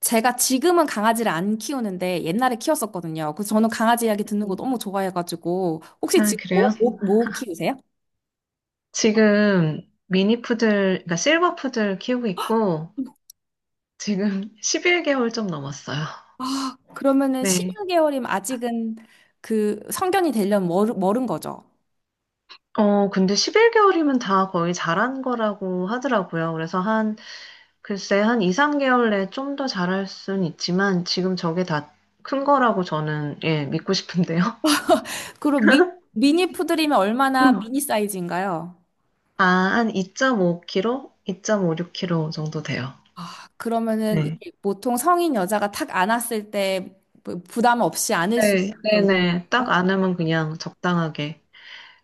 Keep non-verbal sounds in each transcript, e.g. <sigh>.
제가 지금은 강아지를 안 키우는데 옛날에 키웠었거든요. 그래서 저는 강아지 이야기 듣는 거 음. 너무 좋아해가지고 혹시 아, 지금 뭐, 그래요? 뭐, 뭐 키우세요? 지금 미니 푸들, 그러니까 실버 푸들 키우고 있고, 지금 <laughs> 11개월 좀 넘었어요. 아, 그러면은 1 네. 6개월이면 아직은 그 성견이 되려면 멀은 거죠. 근데 11개월이면 다 거의 자란 거라고 하더라고요. 그래서 한 2, 3개월 내에 좀 더 자랄 순 있지만, 지금 저게 다 큰 거라고 저는, 예, 믿고 싶은데요. 그리고 <laughs> 미니 푸들이면 얼마나 음. 미니 사이즈인가요? 아, 한 2.5kg? 2.56kg 정도 돼요. 아, 그러면은 네. 이게 보통 성인 여자가 탁 안았을 때 부담 없이 안을 수 있는 네, 네네. 딱 정도인가요? 안으면 그냥 적당하게.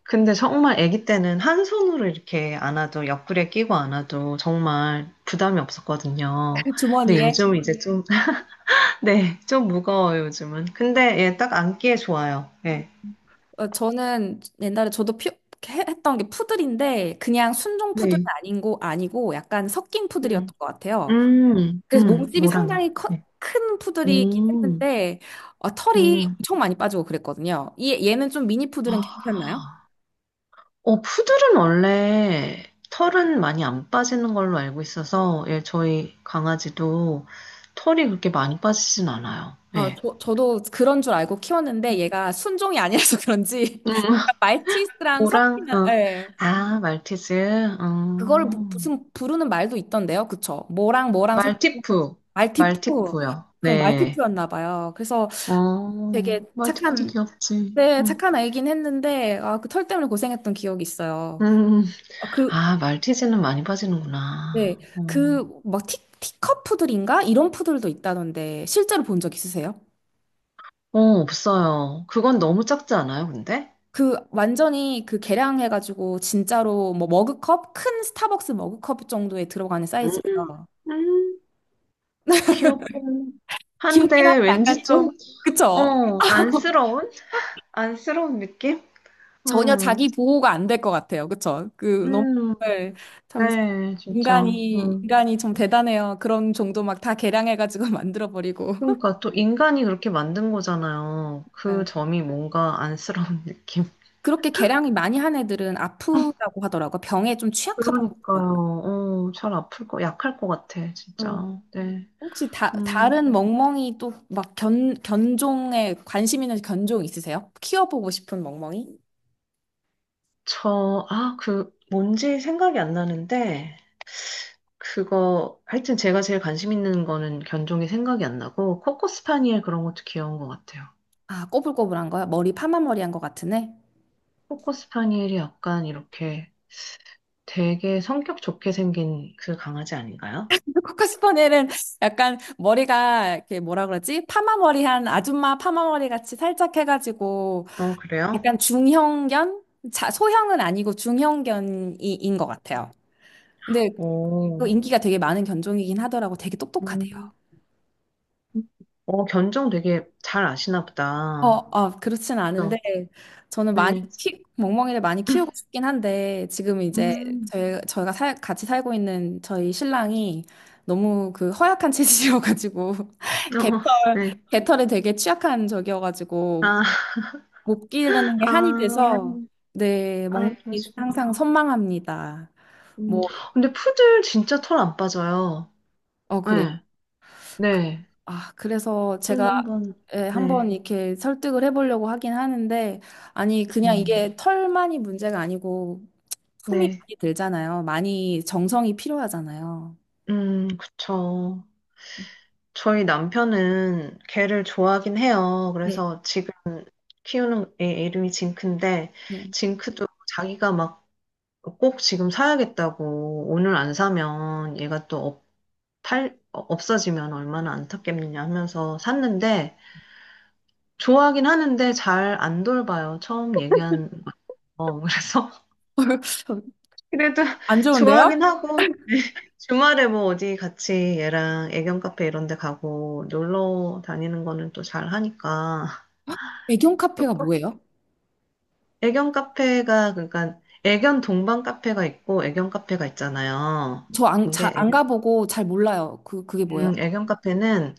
근데 정말 아기 때는 한 손으로 이렇게 안아도 옆구리에 끼고 안아도 정말 부담이 없었거든요. <laughs> 근데 주머니에? 요즘은 이제 좀 <laughs> 네. 좀 무거워요, 요즘은. 근데 예 딱 안기에 좋아요. 예. 어, 저는 옛날에 저도 했던 게 푸들인데 그냥 순종 푸들은 네. 아니고 약간 섞인 음. 푸들이었던 것 같아요. 음. 그래서 음. 몸집이 모랑요. 상당히 네. 큰 푸들이긴 음. 했는데 어, 털이 음. 엄청 많이 빠지고 그랬거든요. 얘는 좀 미니 푸들은 괜찮나요? 아. 푸들은 원래 털은 많이 안 빠지는 걸로 알고 있어서 예 저희 강아지도 털이 그렇게 많이 빠지진 않아요. 예. 저도 그런 줄 알고 키웠는데 얘가 순종이 아니라서 그런지 <laughs> 음. 말티즈랑 오랑, 섞이면 어. 예. 아, 말티즈. 그거를 어. 무슨 부르는 말도 있던데요. 그쵸? 뭐랑 뭐랑 섞이면 말티푸. 말티푸. 말티푸요. 그럼 네. 말티푸였나 봐요. 그래서 어, 되게 말티푸도 착한, 귀엽지. 네, 응. 착한 아이긴 했는데, 아, 그 털 때문에 고생했던 기억이 있어요. 음. 아, 그, 아, 말티즈는 많이 네, 빠지는구나. 어, 그, 막 티컵 푸들인가? 이런 푸들도 있다던데, 실제로 본 적 있으세요? 어, 없어요. 그건 너무 작지 않아요, 근데? 그, 완전히 그 개량해가지고, 진짜로 뭐 머그컵? 큰 스타벅스 머그컵 정도에 들어가는 음, 사이즈래요. 음, 귀엽긴 귀엽긴 한데, 한데 약간 왠지 좀, 좀, 그쵸? 어, 안쓰러운? 안쓰러운 느낌? 전혀 음, 자기 보호가 안 될 것 같아요. 그쵸? 그, 너무, 음, 네, 참, 네, 진짜. 응. 인간이 좀 대단해요. 그런 정도 막 다 개량해가지고 <laughs> 만들어버리고. 그러니까 또 인간이 그렇게 만든 거잖아요. 맞아요. 그 점이 뭔가 안쓰러운 <laughs> 느낌. 그렇게 개량이 많이 한 애들은 아프다고 하더라고요. 병에 좀 취약하다고 하더라고요. 그러니까요. 잘 아플 거, 약할 것 같아, 어. 진짜. 네. 혹시 음, 다른 멍멍이 또 막 견종에 관심 있는 견종 있으세요? 키워보고 싶은 멍멍이? 뭔지 생각이 안 나는데, 하여튼 제가 제일 관심 있는 거는 견종이 생각이 안 나고, 코코스파니엘 그런 것도 귀여운 것 같아요. 아, 꼬불꼬불한 거요? 머리 파마머리한 것 같은 애? 코코스파니엘이 약간 이렇게 되게 성격 좋게 생긴 그 강아지 아닌가요? <laughs> 코카스퍼네는 약간 머리가 이렇게 뭐라 그러지? 파마머리한 아줌마 파마머리 같이 살짝 해가지고 어, 그래요? 약간 중형견? 자, 소형은 아니고 중형견인 것 같아요. 근데 또 오, 인기가 되게 많은 견종이긴 하더라고. 되게 똑똑하대요. 음. 견종 되게 잘 아시나 보다. 그렇진 않은데 그죠? 저는 많이 네. 키 멍멍이를 많이 키우고 싶긴 한데 지금 이제 음, 저희가 살, 같이 살고 있는 저희 신랑이 너무 그 허약한 체질이어가지고 어, <laughs> 개털 어, 네. 개털에 되게 취약한 적이어가지고 아, 못 기르는 게 한이 아, 돼서 네 아, 멍멍이 그러시구나. 항상 선망합니다. 음, 뭐 근데 푸들 진짜 털 안 빠져요. 어 그래 네, 네. 아, 그래서 좀 제가 한번, 예, 네. 한번 이렇게 설득을 해보려고 하긴 하는데, 아니, 그냥 음, 이게 털만이 문제가 아니고, 품이 네. 많이 들잖아요. 많이 정성이 필요하잖아요. 그쵸. 저희 남편은 개를 좋아하긴 해요. 그래서 지금 키우는 애 이름이 징크인데, 징크도 자기가 막 꼭 지금 사야겠다고 오늘 안 사면 얘가 또 없- 팔, 어, 없어지면 얼마나 안타깝느냐 하면서 샀는데 좋아하긴 하는데 잘 안 돌봐요. 처음 얘기한 거. 그래서 <laughs> <laughs> 그래도 안 좋은데요? 좋아하긴 하고 <laughs> 주말에 뭐 어디 같이 얘랑 애견 카페 이런 데 가고 놀러 다니는 거는 또 잘 하니까 애견 카페가 뭐예요? 애견 카페가 그러니까 애견 동반 카페가 있고 애견 카페가 있잖아요. 저 근데 안 애견, 가보고 잘 몰라요. 그, 그게 뭐예요? 애견 카페는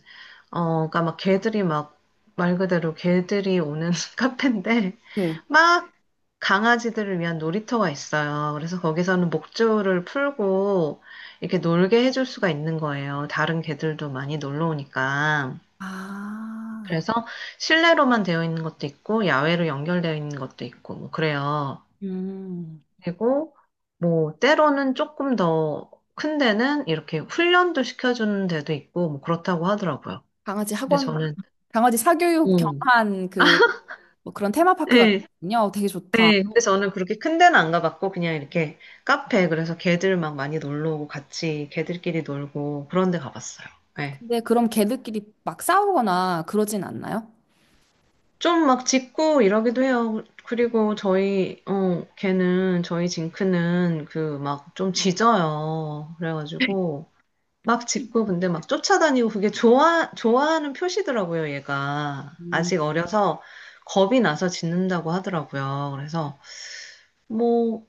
그러니까 막 개들이 막 말 그대로 개들이 오는 <laughs> 카페인데 네. 막 강아지들을 위한 놀이터가 있어요. 그래서 거기서는 목줄을 풀고 이렇게 놀게 해줄 수가 있는 거예요. 다른 개들도 많이 놀러 오니까. 아, 그래서 실내로만 되어 있는 것도 있고 야외로 연결되어 있는 것도 있고 뭐 그래요. 음. 그리고 뭐 때로는 조금 더 큰 데는 이렇게 훈련도 시켜주는 데도 있고 뭐 그렇다고 하더라고요. 강아지 근데 학원, 저는 강아지 사교육 음. 겸한 그, 뭐 그런 테마파크 네, 같군요. 되게 좋다. 네, 근데 저는 그렇게 큰 데는 안 가봤고, 그래서 걔들 막 많이 놀러 오고, 같이 걔들끼리 놀고, 그런 데 가봤어요. 네. 근데 그럼 걔들끼리 막 싸우거나 그러진 않나요? 좀 막 짖고 이러기도 해요. 그리고 저희, 어, 걔는, 저희 징크는 그 막 좀 짖어요. 그래가지고, 막 짖고, 근데 막 쫓아다니고, 그게 좋아하는 표시더라고요, 얘가. 음, 아직 어려서 겁이 나서 짖는다고 하더라고요. 그래서, 뭐,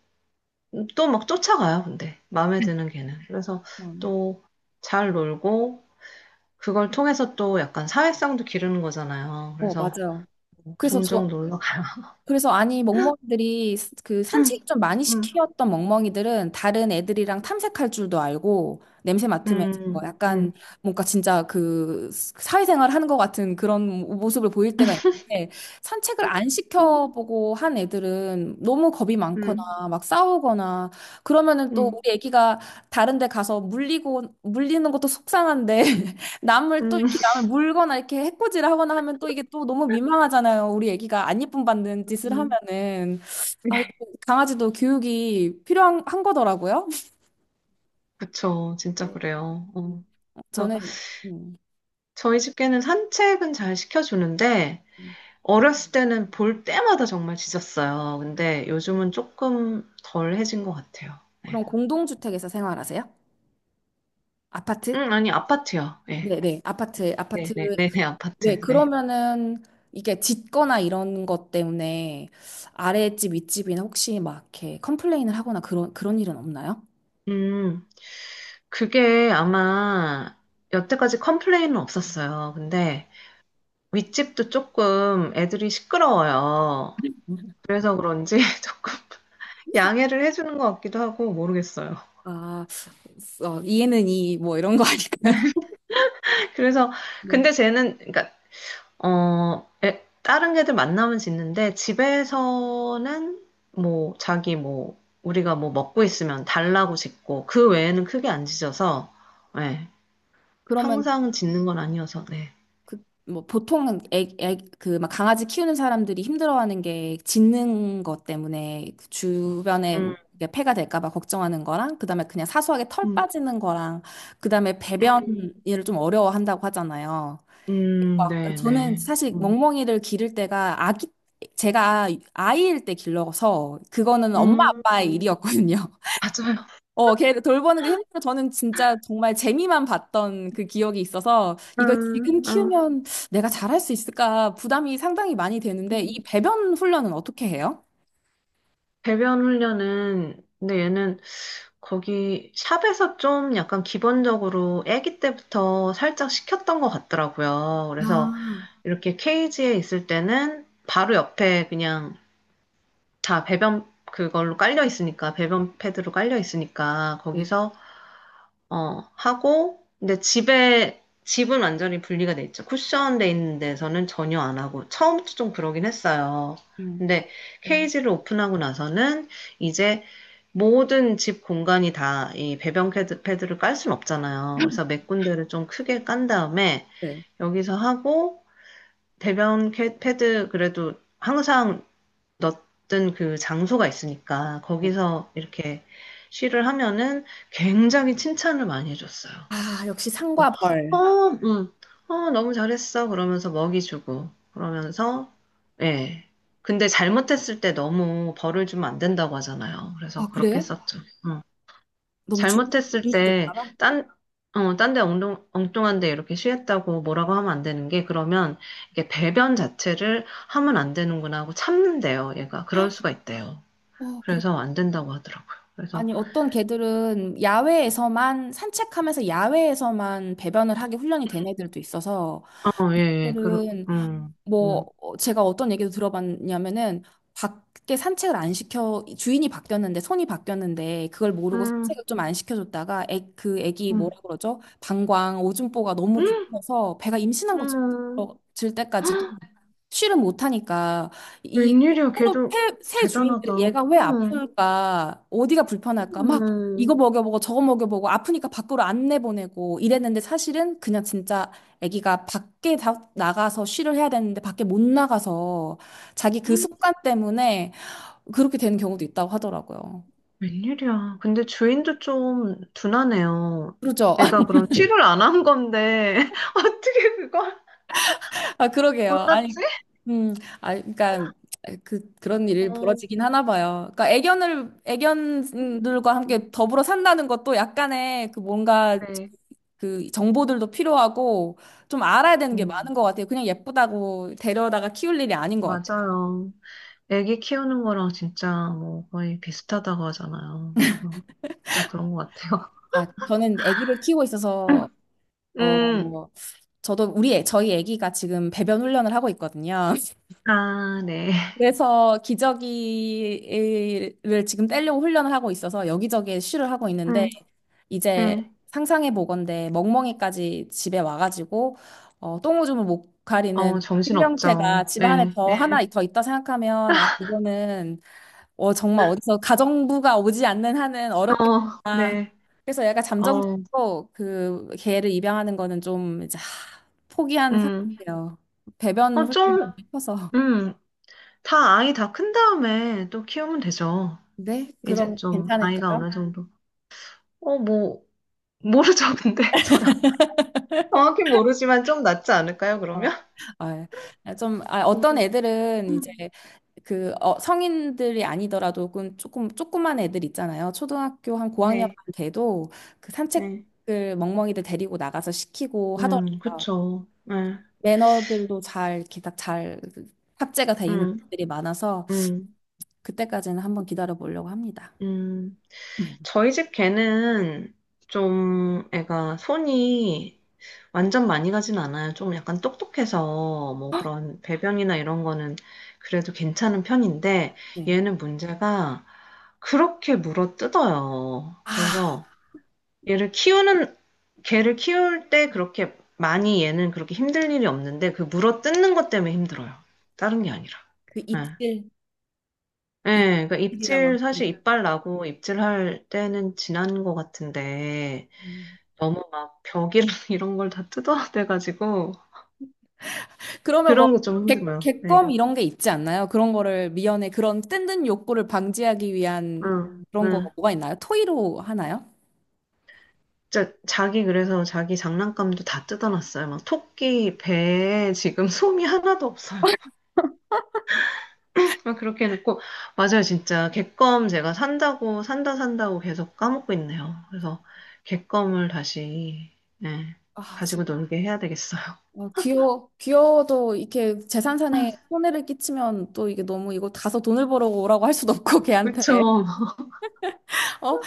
또 막 쫓아가요, 근데. 마음에 드는 걔는. 그래서 음. 또 잘 놀고, 그걸 통해서 또 약간 사회성도 기르는 거잖아요. 어, 그래서 맞아요. 그래서 종종 저, 놀러 가요. 그래서 아니 멍멍이들이 그 음, 산책 좀 많이 음, 시키었던 멍멍이들은 다른 애들이랑 탐색할 줄도 알고 냄새 맡으면서 뭐 음, 약간 음, 뭔가 진짜 그 사회생활 하는 것 같은 그런 모습을 보일 때가 있는데 산책을 안 음, 시켜보고 한 애들은 너무 겁이 많거나 음, 막 싸우거나 그러면은 또 음, 우리 애기가 다른 데 가서 물리고 물리는 것도 속상한데 남을 또 음. 이렇게 남을 물거나 이렇게 해코지를 하거나 하면 또 이게 또 너무 민망하잖아요. 우리 애기가 안 예쁨 받는 짓을 음. 하면은 아, 이거 강아지도 교육이 필요한 한 거더라고요. 그쵸, 진짜 네. 그래요. 음, 어. 그래서 저는 음, 저희 집게는 산책은 잘 시켜주는데, 음. 어렸을 때는 볼 때마다 정말 짖었어요. 근데 요즘은 조금 덜 해진 것 같아요. 그럼 네. 공동주택에서 생활하세요? 아파트? 아니, 아파트요. 예. 네, 네. 아파트, 아파트. 네네, 네네, 네, 아파트, 네. 그러면은 이게 짓거나 이런 것 때문에 아랫집, 윗집이나 혹시 막 이렇게 컴플레인을 하거나 그런 일은 없나요? 음, 그게 아마 여태까지 컴플레인은 없었어요. 근데 윗집도 조금 애들이 시끄러워요. 그래서 그런지 <laughs> 조금 양해를 해주는 것 같기도 하고 모르겠어요. 아, 어, 이해는 이 뭐 이런 거 <laughs> 아닐까요? 네, 그래서 네. 근데 쟤는 그러니까 어 애- 다른 애들 만나면 짖는데 집에서는 뭐 자기 뭐 우리가 뭐 먹고 있으면 달라고 짖고 그 외에는 크게 안 짖어서 그러면 항상 짓는 건 아니어서, 네. 그 뭐 보통은 애애그막 강아지 키우는 사람들이 힘들어하는 게 짖는 것 때문에 그 주변에 음, 이게 폐가 될까 봐 걱정하는 거랑 그다음에 그냥 사소하게 털 음, 빠지는 거랑 그다음에 배변을 음, 좀 어려워한다고 하잖아요. 막 네, 저는 네. 사실 음, 멍멍이를 기를 때가 아기 제가 아이일 때 길러서 그거는 엄마 음, 아빠의 일이었거든요. 맞아요. 어, 걔를 돌보는 게 힘들어. 저는 진짜 정말 재미만 봤던 그 기억이 있어서 이걸 음, 지금 음. 키우면 내가 잘할 수 있을까 부담이 상당히 많이 되는데 이 음. 배변 훈련은 어떻게 해요? 배변 훈련은, 근데 얘는 거기 샵에서 좀 약간 기본적으로 아기 때부터 살짝 시켰던 것 같더라고요. 그래서 아, 이렇게 케이지에 있을 때는 바로 옆에 그냥 다 배변 그걸로 깔려 있으니까, 배변 패드로 깔려 있으니까, 거기서 어, 하고, 집은 완전히 분리가 돼 있죠. 쿠션돼 있는 데서는 전혀 안 하고, 처음부터 좀 그러긴 했어요. 음, 근데 음. 케이지를 오픈하고 나서는 이제 모든 집 공간이 다 이 패드를 깔 순 없잖아요. 그래서 <laughs> 몇 군데를 좀 크게 깐 다음에 네. 여기서 하고, 패드 그래도 항상 넣던 그 장소가 있으니까 네. 거기서 이렇게 쉬를 하면은 굉장히 칭찬을 많이 해줬어요. 아, 역시 상과 벌. 어, 어, 너무 잘했어. 그러면서 먹이 주고, 그러면서, 예. 근데 잘못했을 때 너무 벌을 주면 안 된다고 하잖아요. 아, 그래서 그렇게 그래요? 했었죠. 음. 너무 중, 잘못했을 중독될까 때, 봐. 딴, 어, 딴데 엉뚱한데 이렇게 쉬했다고 뭐라고 하면 안 되는 게, 그러면 이게 배변 자체를 하면 안 되는구나 하고 참는데요, 얘가. 그럴 수가 있대요. 어, 그렇 그래서 안 된다고 하더라고요. 그래서, 아니, 어떤 개들은 야외에서만 산책하면서 야외에서만 배변을 하게 훈련이 된 애들도 있어서 어, 예, 예, 그, 개들은 음, 뭐 어, 제가 어떤 얘기도 들어봤냐면은 밖에 산책을 안 시켜 주인이 바뀌었는데 손이 바뀌었는데 그걸 모르고 산책을 음, 좀 안 시켜줬다가 애, 그 애기 뭐라 음, 그러죠? 방광 오줌보가 너무 음, 부풀어서 배가 임신한 음. 것처럼 질 때까지도 쉬를 못 하니까 이 웬일이야, 걔도 새 대단하다. 주인들이 얘가 왜 응, 아플까 어디가 불편할까 막 이거 응, 먹여보고 저거 먹여보고 아프니까 밖으로 안 내보내고 이랬는데 사실은 그냥 진짜 아기가 밖에 나가서 쉬를 해야 되는데 밖에 못 나가서 자기 그 응, 습관 때문에 그렇게 되는 경우도 있다고 하더라고요. 웬일이야. 근데 주인도 좀 둔하네요. 그러죠? 애가 그럼 치료를 <laughs> 안 한 건데, <laughs> 어떻게 그걸 아, 그러게요. 아니, 몰랐지? 음, 아, 그러니까 그 그런 일이 어, 벌어지긴 하나 봐요. 그러니까 애견을 애견들과 음, 함께 더불어 산다는 것도 약간의 그 뭔가 네, 그 정보들도 필요하고 좀 알아야 되는 게 많은 음, 것 같아요. 그냥 예쁘다고 데려다가 키울 일이 아닌 것 같아요. 맞아요. 애기 키우는 거랑 진짜 뭐 거의 비슷하다고 하잖아요. 그래서 진짜 그런 것 같아요. 아, 저는 아기를 키우고 있어서 <laughs> 음, 어, 저도 우리 저희 아기가 지금 배변 훈련을 하고 있거든요. <laughs> 아, 네. 그래서 기저귀를 지금 떼려고 훈련을 하고 있어서 여기저기에 쉬를 하고 있는데 음. 이제 네. 상상해 보건대 멍멍이까지 집에 와가지고 어, 똥오줌을 못 어, 가리는 정신 생명체가 없죠. 집에 안에 네, 더 하나 네. 더 있다 생각하면 아 이거는 어, 정말 어디서 가정부가 오지 않는 한은 어, 어렵겠다. 네. 그래서 약간 어, 잠정적으로 그 개를 입양하는 거는 좀 이제 하, 포기한 음. 상태예요. 배변 어, 훈련이 좀, 좀 해서. 음. 다 아이 다 큰 다음에 또 키우면 되죠. 네? 이제 그럼 좀 아이가 괜찮을까요? 어느 정도. 어, 뭐, 모르죠, 근데. <laughs> 저야. 정확히 모르지만 좀 낫지 않을까요, 어, 그러면? 아, 예. 아, 좀, 아, 어떤 애들은 이제 음. 그 어, 성인들이 아니더라도 조그만 애들 있잖아요. 초등학교 한 고학년 네. 돼도 그 네. 산책을 멍멍이들 데리고 나가서 시키고 하더라고요. 그쵸. 네. 매너들도 잘 이렇게 딱잘 탑재가 돼 있는 음, 것들이 많아서 음. 그때까지는 한번 기다려 보려고 합니다. 음, 저희 집 개는 좀 애가 손이 완전 많이 가진 않아요. 좀 약간 똑똑해서 뭐 그런 배변이나 이런 거는 그래도 괜찮은 편인데 네. 얘는 문제가 그렇게 물어 뜯어요. 아, 그래서 얘를 키우는, 개를 키울 때 그렇게 많이 얘는 그렇게 힘들 일이 없는데 그 물어 뜯는 것 때문에 힘들어요. 다른 게 아니라. 그 네. 입질, 예, 그러니까 입질이라고 하는 입질, 게. 사실 이빨 나고 입질할 때는 지난 것 같은데, 음. 너무 막 벽이랑 <laughs> 이런 걸 다 뜯어야 돼가지고, 그러면 뭐 그런 게 좀 힘들어요. 네. 객검 이런 게 있지 않나요? 그런 거를 미연에 그런 뜬든 욕구를 방지하기 위한 응, 그런 거가 응. 뭐가 있나요? 토의로 하나요? 진짜 자기 그래서 자기 장난감도 다 뜯어놨어요. 막 토끼 배에 지금 <laughs> 솜이 하나도 없어요. 막 그렇게 해놓고, 맞아요, 진짜. 객검 제가 산다고 계속 까먹고 있네요. 그래서 객검을 다시, 예, 아, 가지고 진짜. 놀게 해야 되겠어요. 어, 귀여워도 이렇게 재산산에 손해를 끼치면 또 이게 너무 이거 가서 돈을 벌어 오라고 할 수도 없고 <laughs> 걔한테. 그쵸. <laughs> 어?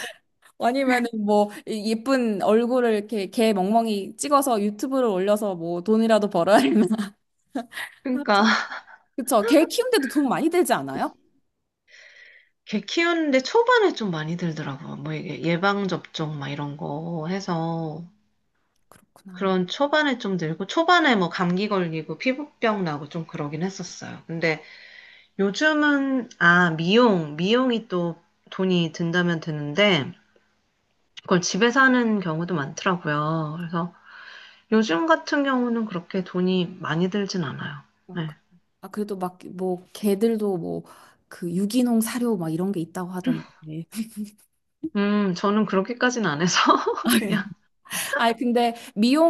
아니면은 뭐 예쁜 얼굴을 이렇게 개 멍멍이 찍어서 유튜브를 올려서 뭐 돈이라도 벌어야 되나? <laughs> 그쵸. 그러니까. 그쵸. 개 키우는데도 돈 많이 들지 않아요? 개 키우는데 초반에 좀 많이 들더라고요. 뭐 이게 예방접종 막 이런 거 해서 그렇구나. 그런 초반에 좀 들고 초반에 뭐 감기 걸리고 피부병 나고 좀 그러긴 했었어요. 근데 요즘은 미용이 또 돈이 든다면 드는데 그걸 집에서 하는 경우도 많더라고요. 그래서 요즘 같은 경우는 그렇게 돈이 많이 들진 않아요. 어, 그- 네. 아, 그래도 막 뭐 개들도 뭐 그 유기농 사료 막 이런 게 있다고 하던데. <laughs> 저는 그렇게까지는 안 해서 <laughs> 그냥 아니 근데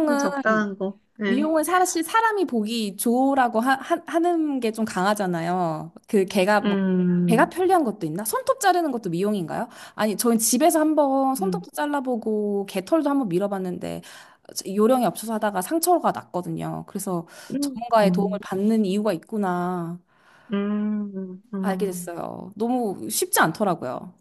그냥 적당한 거. 네. 사실 사람이 보기 좋으라고 는 게 좀 강하잖아요. 그 걔가 뭐 걔가 음. 편리한 것도 있나? 손톱 자르는 것도 미용인가요? 아니, 저희 집에서 한번 음. 손톱도 잘라보고 개털도 한번 밀어봤는데 요령이 없어서 하다가 상처가 났거든요. 그래서 음, 전문가의 도움을 음, 받는 이유가 있구나 알게 음. 됐어요. 너무 쉽지 않더라고요.